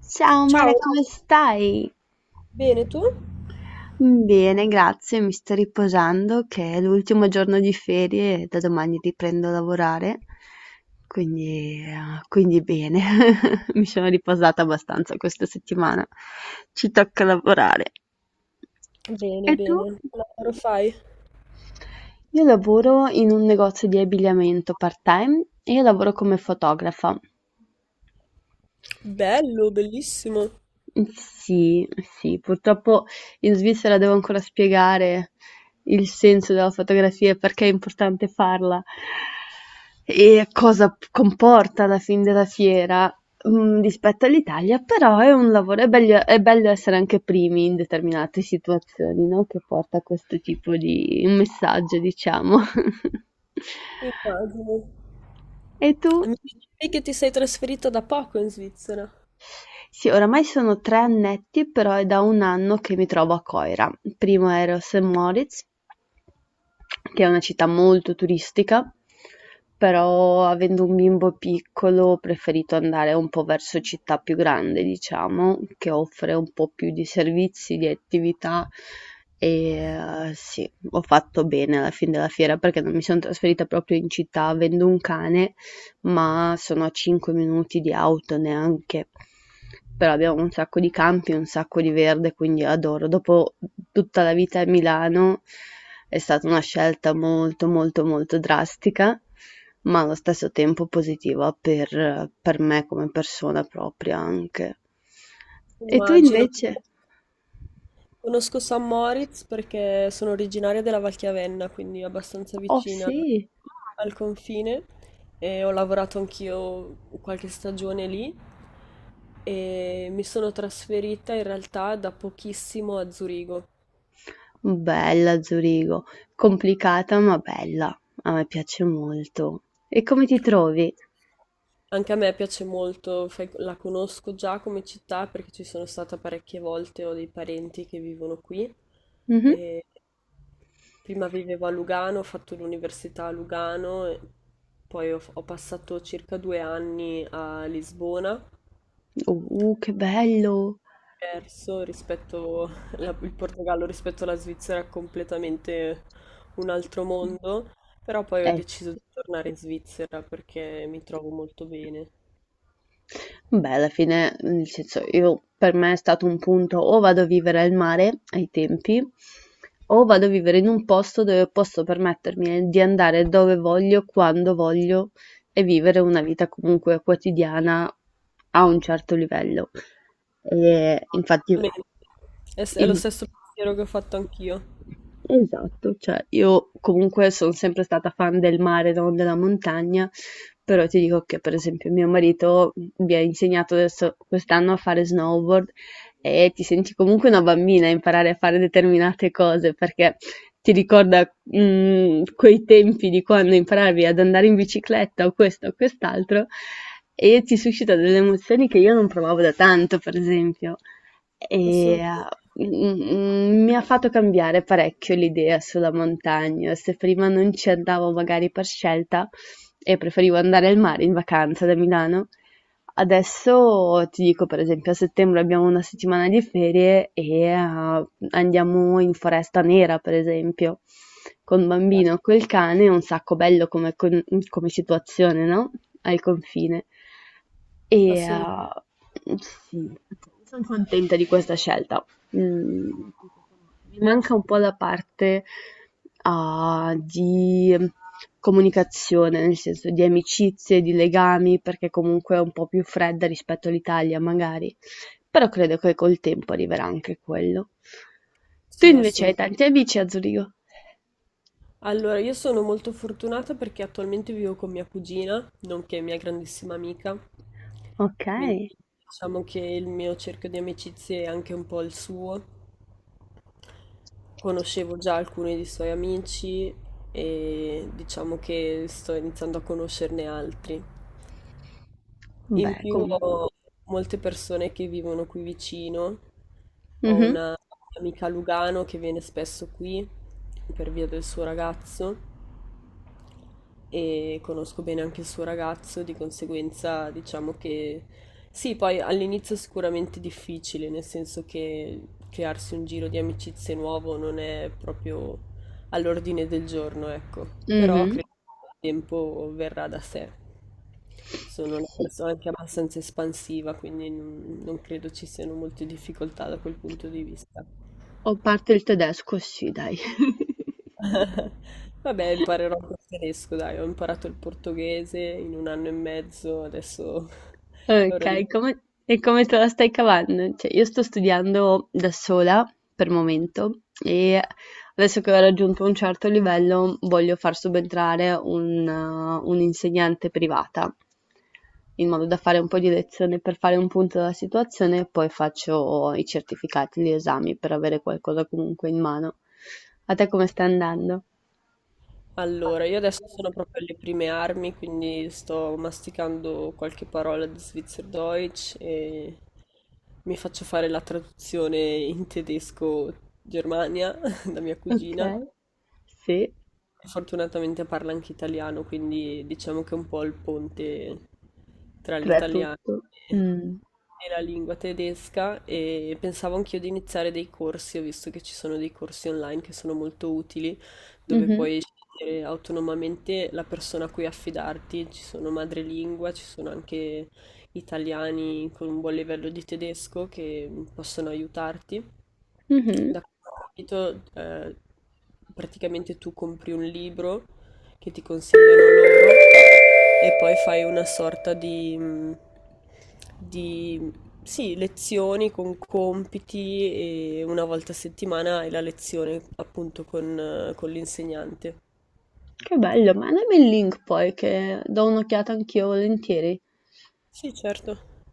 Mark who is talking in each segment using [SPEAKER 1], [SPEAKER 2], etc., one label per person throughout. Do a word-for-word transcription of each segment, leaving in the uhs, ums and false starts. [SPEAKER 1] Ciao Mara,
[SPEAKER 2] Ciao,
[SPEAKER 1] come stai?
[SPEAKER 2] bene tu?
[SPEAKER 1] Bene, grazie, mi sto riposando che è l'ultimo giorno di ferie e da domani riprendo a lavorare, quindi, eh, quindi bene, mi sono riposata abbastanza questa settimana, ci tocca lavorare. E
[SPEAKER 2] Bene,
[SPEAKER 1] tu?
[SPEAKER 2] bene. Che lavoro fai?
[SPEAKER 1] Io lavoro in un negozio di abbigliamento part-time e io lavoro come fotografa.
[SPEAKER 2] Bello, bellissimo.
[SPEAKER 1] Sì, sì, purtroppo in Svizzera devo ancora spiegare il senso della fotografia e perché è importante farla e cosa p- comporta alla fin della fiera, mm, rispetto all'Italia, però è un lavoro, è bello, è bello essere anche primi in determinate situazioni, no? Che porta a questo tipo di messaggio, diciamo.
[SPEAKER 2] Immagino.
[SPEAKER 1] E tu?
[SPEAKER 2] Mi dicevi che ti sei trasferita da poco in Svizzera.
[SPEAKER 1] Sì, oramai sono tre annetti, però è da un anno che mi trovo a Coira. Prima ero a sankt Moritz, che è una città molto turistica, però avendo un bimbo piccolo ho preferito andare un po' verso città più grande, diciamo, che offre un po' più di servizi, di attività e eh, sì, ho fatto bene alla fine della fiera perché non mi sono trasferita proprio in città avendo un cane ma sono a cinque minuti di auto neanche, però abbiamo un sacco di campi, un sacco di verde, quindi adoro. Dopo tutta la vita a Milano è stata una scelta molto molto molto drastica, ma allo stesso tempo positiva per, per me come persona propria anche. E tu
[SPEAKER 2] Immagino.
[SPEAKER 1] invece?
[SPEAKER 2] Conosco San Moritz perché sono originaria della Valchiavenna, quindi abbastanza
[SPEAKER 1] Oh
[SPEAKER 2] vicina
[SPEAKER 1] sì,
[SPEAKER 2] al confine e ho lavorato anch'io qualche stagione lì e mi sono trasferita in realtà da pochissimo a Zurigo.
[SPEAKER 1] bella Zurigo, complicata ma bella, a me piace molto. E come ti trovi?
[SPEAKER 2] Anche a me piace molto, fai- la conosco già come città perché ci sono stata parecchie volte, ho dei parenti che vivono qui.
[SPEAKER 1] Mhm.
[SPEAKER 2] E prima vivevo a Lugano, ho fatto l'università a Lugano, e poi ho, ho passato circa due anni a Lisbona.
[SPEAKER 1] Oh, Uh, che bello!
[SPEAKER 2] Perso rispetto la- il Portogallo rispetto alla Svizzera è completamente un altro mondo, però poi ho
[SPEAKER 1] Eh,
[SPEAKER 2] deciso di tornare in Svizzera perché mi trovo molto bene.
[SPEAKER 1] beh, alla fine, nel senso, io per me è stato un punto o vado a vivere al mare ai tempi, o vado a vivere in un posto dove posso permettermi di andare dove voglio, quando voglio e vivere una vita comunque quotidiana a un certo livello. E infatti,
[SPEAKER 2] Bene. È, s- è lo
[SPEAKER 1] in-
[SPEAKER 2] stesso pensiero che ho fatto anch'io.
[SPEAKER 1] esatto, cioè io comunque son sempre stata fan del mare, non della montagna, però ti dico che per esempio mio marito mi ha insegnato adesso quest'anno a fare snowboard e ti senti comunque una bambina a imparare a fare determinate cose perché ti ricorda mm, quei tempi di quando imparavi ad andare in bicicletta o questo o quest'altro e ti suscita delle emozioni che io non provavo da tanto, per esempio. E eh,
[SPEAKER 2] Assolutamente.
[SPEAKER 1] Mhmm, mi ha fatto cambiare parecchio l'idea sulla montagna. Se prima non ci andavo magari per scelta e preferivo andare al mare in vacanza da Milano, adesso ti dico per esempio a settembre abbiamo una settimana di ferie e, uhm, andiamo in Foresta Nera per esempio, con
[SPEAKER 2] Beh,
[SPEAKER 1] bambino, col cane, è un sacco bello come con come situazione, no, al confine. E
[SPEAKER 2] assolut-
[SPEAKER 1] eh, sì, sono contenta di questa scelta. Mm, mi manca un po' la parte ah, di comunicazione, nel senso di amicizie, di legami, perché comunque è un po' più fredda rispetto all'Italia, magari. Però credo che col tempo arriverà anche quello. Tu
[SPEAKER 2] sì,
[SPEAKER 1] invece hai
[SPEAKER 2] assolutamente.
[SPEAKER 1] tanti amici a Zurigo?
[SPEAKER 2] Allora, io sono molto fortunata perché attualmente vivo con mia cugina, nonché mia grandissima amica,
[SPEAKER 1] Ok,
[SPEAKER 2] quindi diciamo che il mio cerchio di amicizie è anche un po' il suo. Conoscevo già alcuni dei suoi amici e diciamo che sto iniziando a conoscerne altri. In
[SPEAKER 1] beh,
[SPEAKER 2] più
[SPEAKER 1] com-
[SPEAKER 2] ho molte persone che vivono qui vicino, ho
[SPEAKER 1] mhm,
[SPEAKER 2] una amica a Lugano che viene spesso qui per via del suo ragazzo e conosco bene anche il suo ragazzo, di conseguenza diciamo che sì, poi all'inizio è sicuramente difficile, nel senso che crearsi un giro di amicizie nuovo non è proprio all'ordine del giorno, ecco, però
[SPEAKER 1] mhm.
[SPEAKER 2] credo che il tempo verrà da sé. Sono una
[SPEAKER 1] Sì.
[SPEAKER 2] persona anche abbastanza espansiva, quindi non, non credo ci siano molte difficoltà da quel punto di vista.
[SPEAKER 1] Ho parte il tedesco, sì, dai.
[SPEAKER 2] Vabbè, imparerò anche il tedesco, dai, ho imparato il portoghese in un anno e mezzo, adesso è ora di imparare.
[SPEAKER 1] Ok, come- e come te la stai cavando? Cioè, io sto studiando da sola per momento e adesso che ho raggiunto un certo livello voglio far subentrare un, eh, un'insegnante privata in modo da fare un po' di lezione per fare un punto della situazione e poi faccio i certificati, gli esami per avere qualcosa comunque in mano. A te come sta andando?
[SPEAKER 2] Allora, io adesso sono proprio alle prime armi, quindi sto masticando qualche parola di Schweizerdeutsch e mi faccio fare la traduzione in tedesco Germania da mia
[SPEAKER 1] Ok,
[SPEAKER 2] cugina.
[SPEAKER 1] sì.
[SPEAKER 2] Fortunatamente parla anche italiano, quindi diciamo che è un po' il ponte tra
[SPEAKER 1] Tre
[SPEAKER 2] l'italiano
[SPEAKER 1] tutto.
[SPEAKER 2] e
[SPEAKER 1] Mh.
[SPEAKER 2] e la lingua tedesca e pensavo anch'io di iniziare dei corsi, ho visto che ci sono dei corsi online che sono molto utili, dove
[SPEAKER 1] Mh-mh.
[SPEAKER 2] puoi scegliere autonomamente la persona a cui affidarti, ci sono madrelingua, ci sono anche italiani con un buon livello di tedesco che possono aiutarti.
[SPEAKER 1] Mh-mh.
[SPEAKER 2] Da questo capito, eh, praticamente tu compri un libro che ti consigliano loro e poi fai una sorta di, mh, di sì, lezioni con compiti e una volta a settimana hai la lezione appunto con, eh, con l'insegnante.
[SPEAKER 1] Che bello, mandami il link poi che do un'occhiata anch'io volentieri.
[SPEAKER 2] Sì, certo.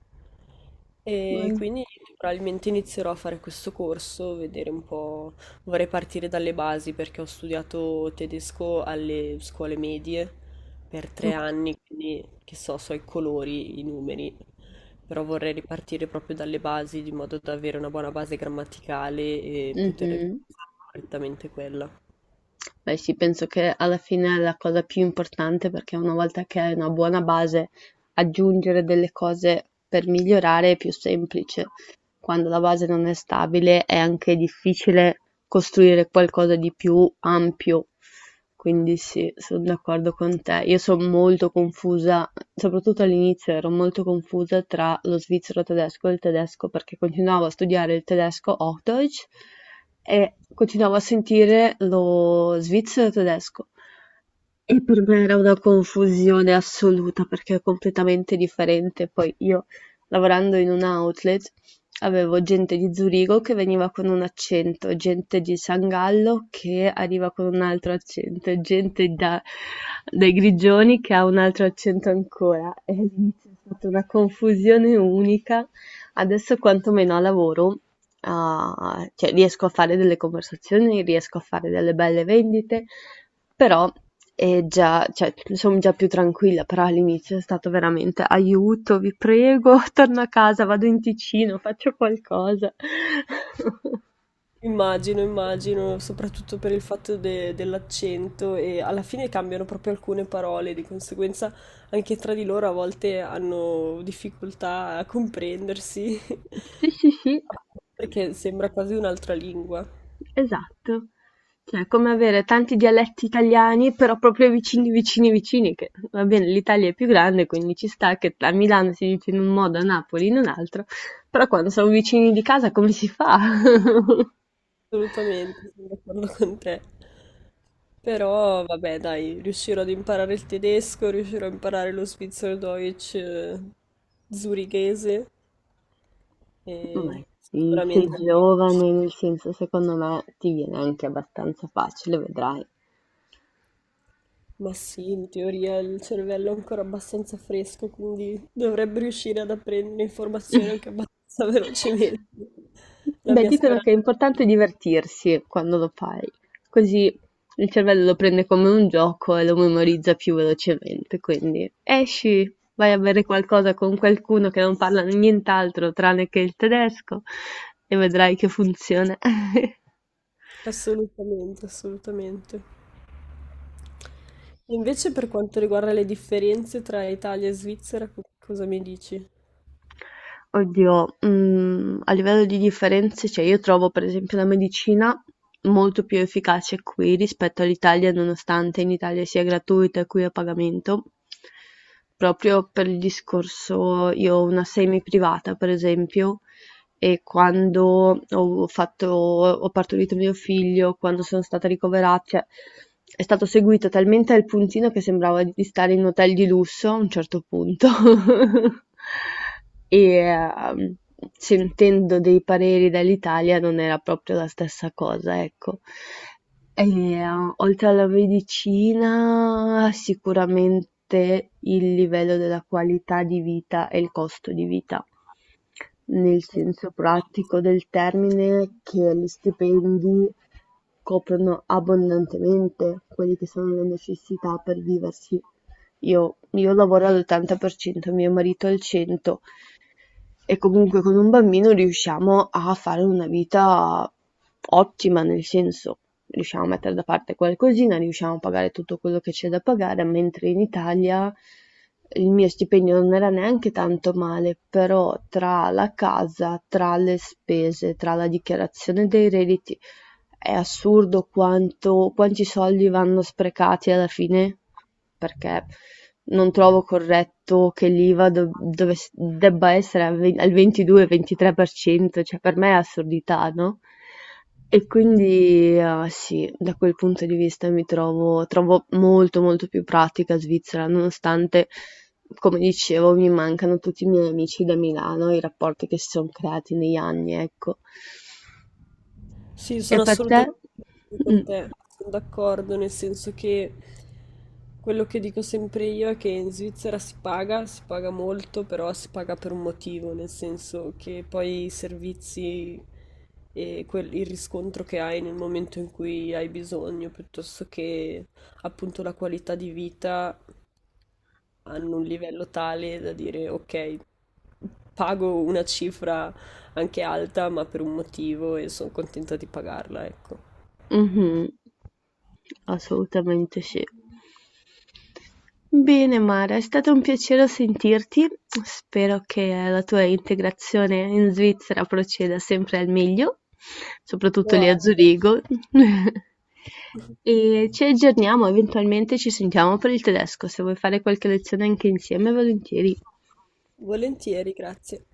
[SPEAKER 2] E
[SPEAKER 1] Mh.
[SPEAKER 2] quindi probabilmente inizierò a fare questo corso, vedere un po'. Vorrei partire dalle basi perché ho studiato tedesco alle scuole medie per tre
[SPEAKER 1] Oc
[SPEAKER 2] anni, quindi che so, so i colori, i numeri, però vorrei ripartire proprio dalle basi di modo da avere una buona base grammaticale e poter fare
[SPEAKER 1] mh-mh.
[SPEAKER 2] correttamente quella.
[SPEAKER 1] Beh sì, penso che alla fine è la cosa più importante, perché una volta che hai una buona base, aggiungere delle cose per migliorare è più semplice. Quando la base non è stabile è anche difficile costruire qualcosa di più ampio. Quindi sì, sono d'accordo con te. Io sono molto confusa, soprattutto all'inizio ero molto confusa tra lo svizzero tedesco e il tedesco perché continuavo a studiare il tedesco Hochdeutsch e continuavo a sentire lo svizzero tedesco e per me era una confusione assoluta perché è completamente differente. Poi io lavorando in un outlet avevo gente di Zurigo che veniva con un accento, gente di San Gallo che arriva con un altro accento, e gente da- dai Grigioni che ha un altro accento ancora. E lì c'è stata una confusione unica. Adesso quantomeno a lavoro a cioè riesco a fare delle conversazioni, riesco a fare delle belle vendite, però è già, cioè, sono già più tranquilla, però all'inizio è stato veramente aiuto, vi prego, torno a casa, vado in Ticino, faccio qualcosa.
[SPEAKER 2] Immagino, immagino, soprattutto per il fatto de dell'accento e alla fine cambiano proprio alcune parole, di conseguenza anche tra di loro a volte hanno difficoltà a comprendersi,
[SPEAKER 1] Sì, sì, sì.
[SPEAKER 2] perché sembra quasi un'altra lingua.
[SPEAKER 1] Esatto, cioè è come avere tanti dialetti italiani però proprio vicini vicini vicini che va bene l'Italia è più grande quindi ci sta che a Milano si dice in un modo, a Napoli in un altro, però quando sono vicini di casa come si fa?
[SPEAKER 2] Assolutamente, sono d'accordo con te. Però vabbè, dai, riuscirò ad imparare il tedesco, riuscirò a imparare lo Schweizerdeutsch, eh, zurichese
[SPEAKER 1] Ma
[SPEAKER 2] e
[SPEAKER 1] sì,
[SPEAKER 2] sicuramente...
[SPEAKER 1] sei giovane, nel senso secondo me ti viene anche abbastanza facile, vedrai.
[SPEAKER 2] Ma sì, in teoria il cervello è ancora abbastanza fresco, quindi dovrebbe riuscire ad apprendere informazioni anche abbastanza velocemente. La
[SPEAKER 1] Beh,
[SPEAKER 2] mia
[SPEAKER 1] dicono che
[SPEAKER 2] speranza.
[SPEAKER 1] è importante divertirsi quando lo fai, così il cervello lo prende come un gioco e lo memorizza più velocemente. Quindi esci, vai a bere qualcosa con qualcuno che non parla nient'altro tranne che il tedesco e vedrai che funziona.
[SPEAKER 2] Assolutamente, assolutamente. Invece per quanto riguarda le differenze tra Italia e Svizzera, co- cosa mi dici?
[SPEAKER 1] Oddio, mhmm, a livello di differenze, cioè io trovo per esempio la medicina molto più efficace qui rispetto all'Italia, nonostante in Italia sia gratuita e qui a pagamento, proprio per il discorso io ho una semi privata per esempio e quando ho fatto ho partorito mio figlio, quando sono stata ricovera cioè è stato seguito talmente al puntino che sembrava di stare in un hotel di lusso a un certo punto. E ehm, sentendo dei pareri dall'Italia non era proprio la stessa cosa, ecco. E, eh, oltre alla medicina, sicuramente il livello della qualità di vita e il costo di vita nel senso pratico del termine che gli stipendi coprono abbondantemente quelle che sono le necessità per viversi. Io, io lavoro all'ottanta per cento, mio marito al cento per cento, e comunque con un bambino riusciamo a fare una vita ottima, nel senso riusciamo a mettere da parte qualcosina, riusciamo a pagare tutto quello che c'è da pagare, mentre in Italia il mio stipendio non era neanche tanto male, però tra la casa, tra le spese, tra la dichiarazione dei redditi è assurdo quanto quanti soldi vanno sprecati alla fine, perché non trovo corretto che l'IVA do- dovess- debba essere al ve- al ventidue-ventitré per cento, cioè per me è assurdità, no? E quindi, eh, sì, da quel punto di vista mi trovo, trovo molto molto più pratica Svizzera, nonostante, come dicevo, mi mancano tutti i miei amici da Milano, i rapporti che si sono creati negli anni, ecco.
[SPEAKER 2] Sì,
[SPEAKER 1] E
[SPEAKER 2] sono
[SPEAKER 1] per te?
[SPEAKER 2] assolutamente con
[SPEAKER 1] Mm.
[SPEAKER 2] te, sono d'accordo, nel senso che quello che dico sempre io è che in Svizzera si paga, si paga molto, però si paga per un motivo, nel senso che poi i servizi e quel- il riscontro che hai nel momento in cui hai bisogno, piuttosto che appunto la qualità di vita, hanno un livello tale da dire ok, pago una cifra anche alta, ma per un motivo e sono contenta di pagarla, ecco.
[SPEAKER 1] Mh-mh. Assolutamente sì. Bene Mara, è stato un piacere sentirti. Spero che la tua integrazione in Svizzera proceda sempre al meglio, soprattutto
[SPEAKER 2] Lo
[SPEAKER 1] lì a
[SPEAKER 2] apro.
[SPEAKER 1] Zurigo. E ci aggiorniamo, eventualmente ci sentiamo per il tedesco. Se vuoi fare qualche lezione anche insieme, volentieri.
[SPEAKER 2] Volentieri, grazie.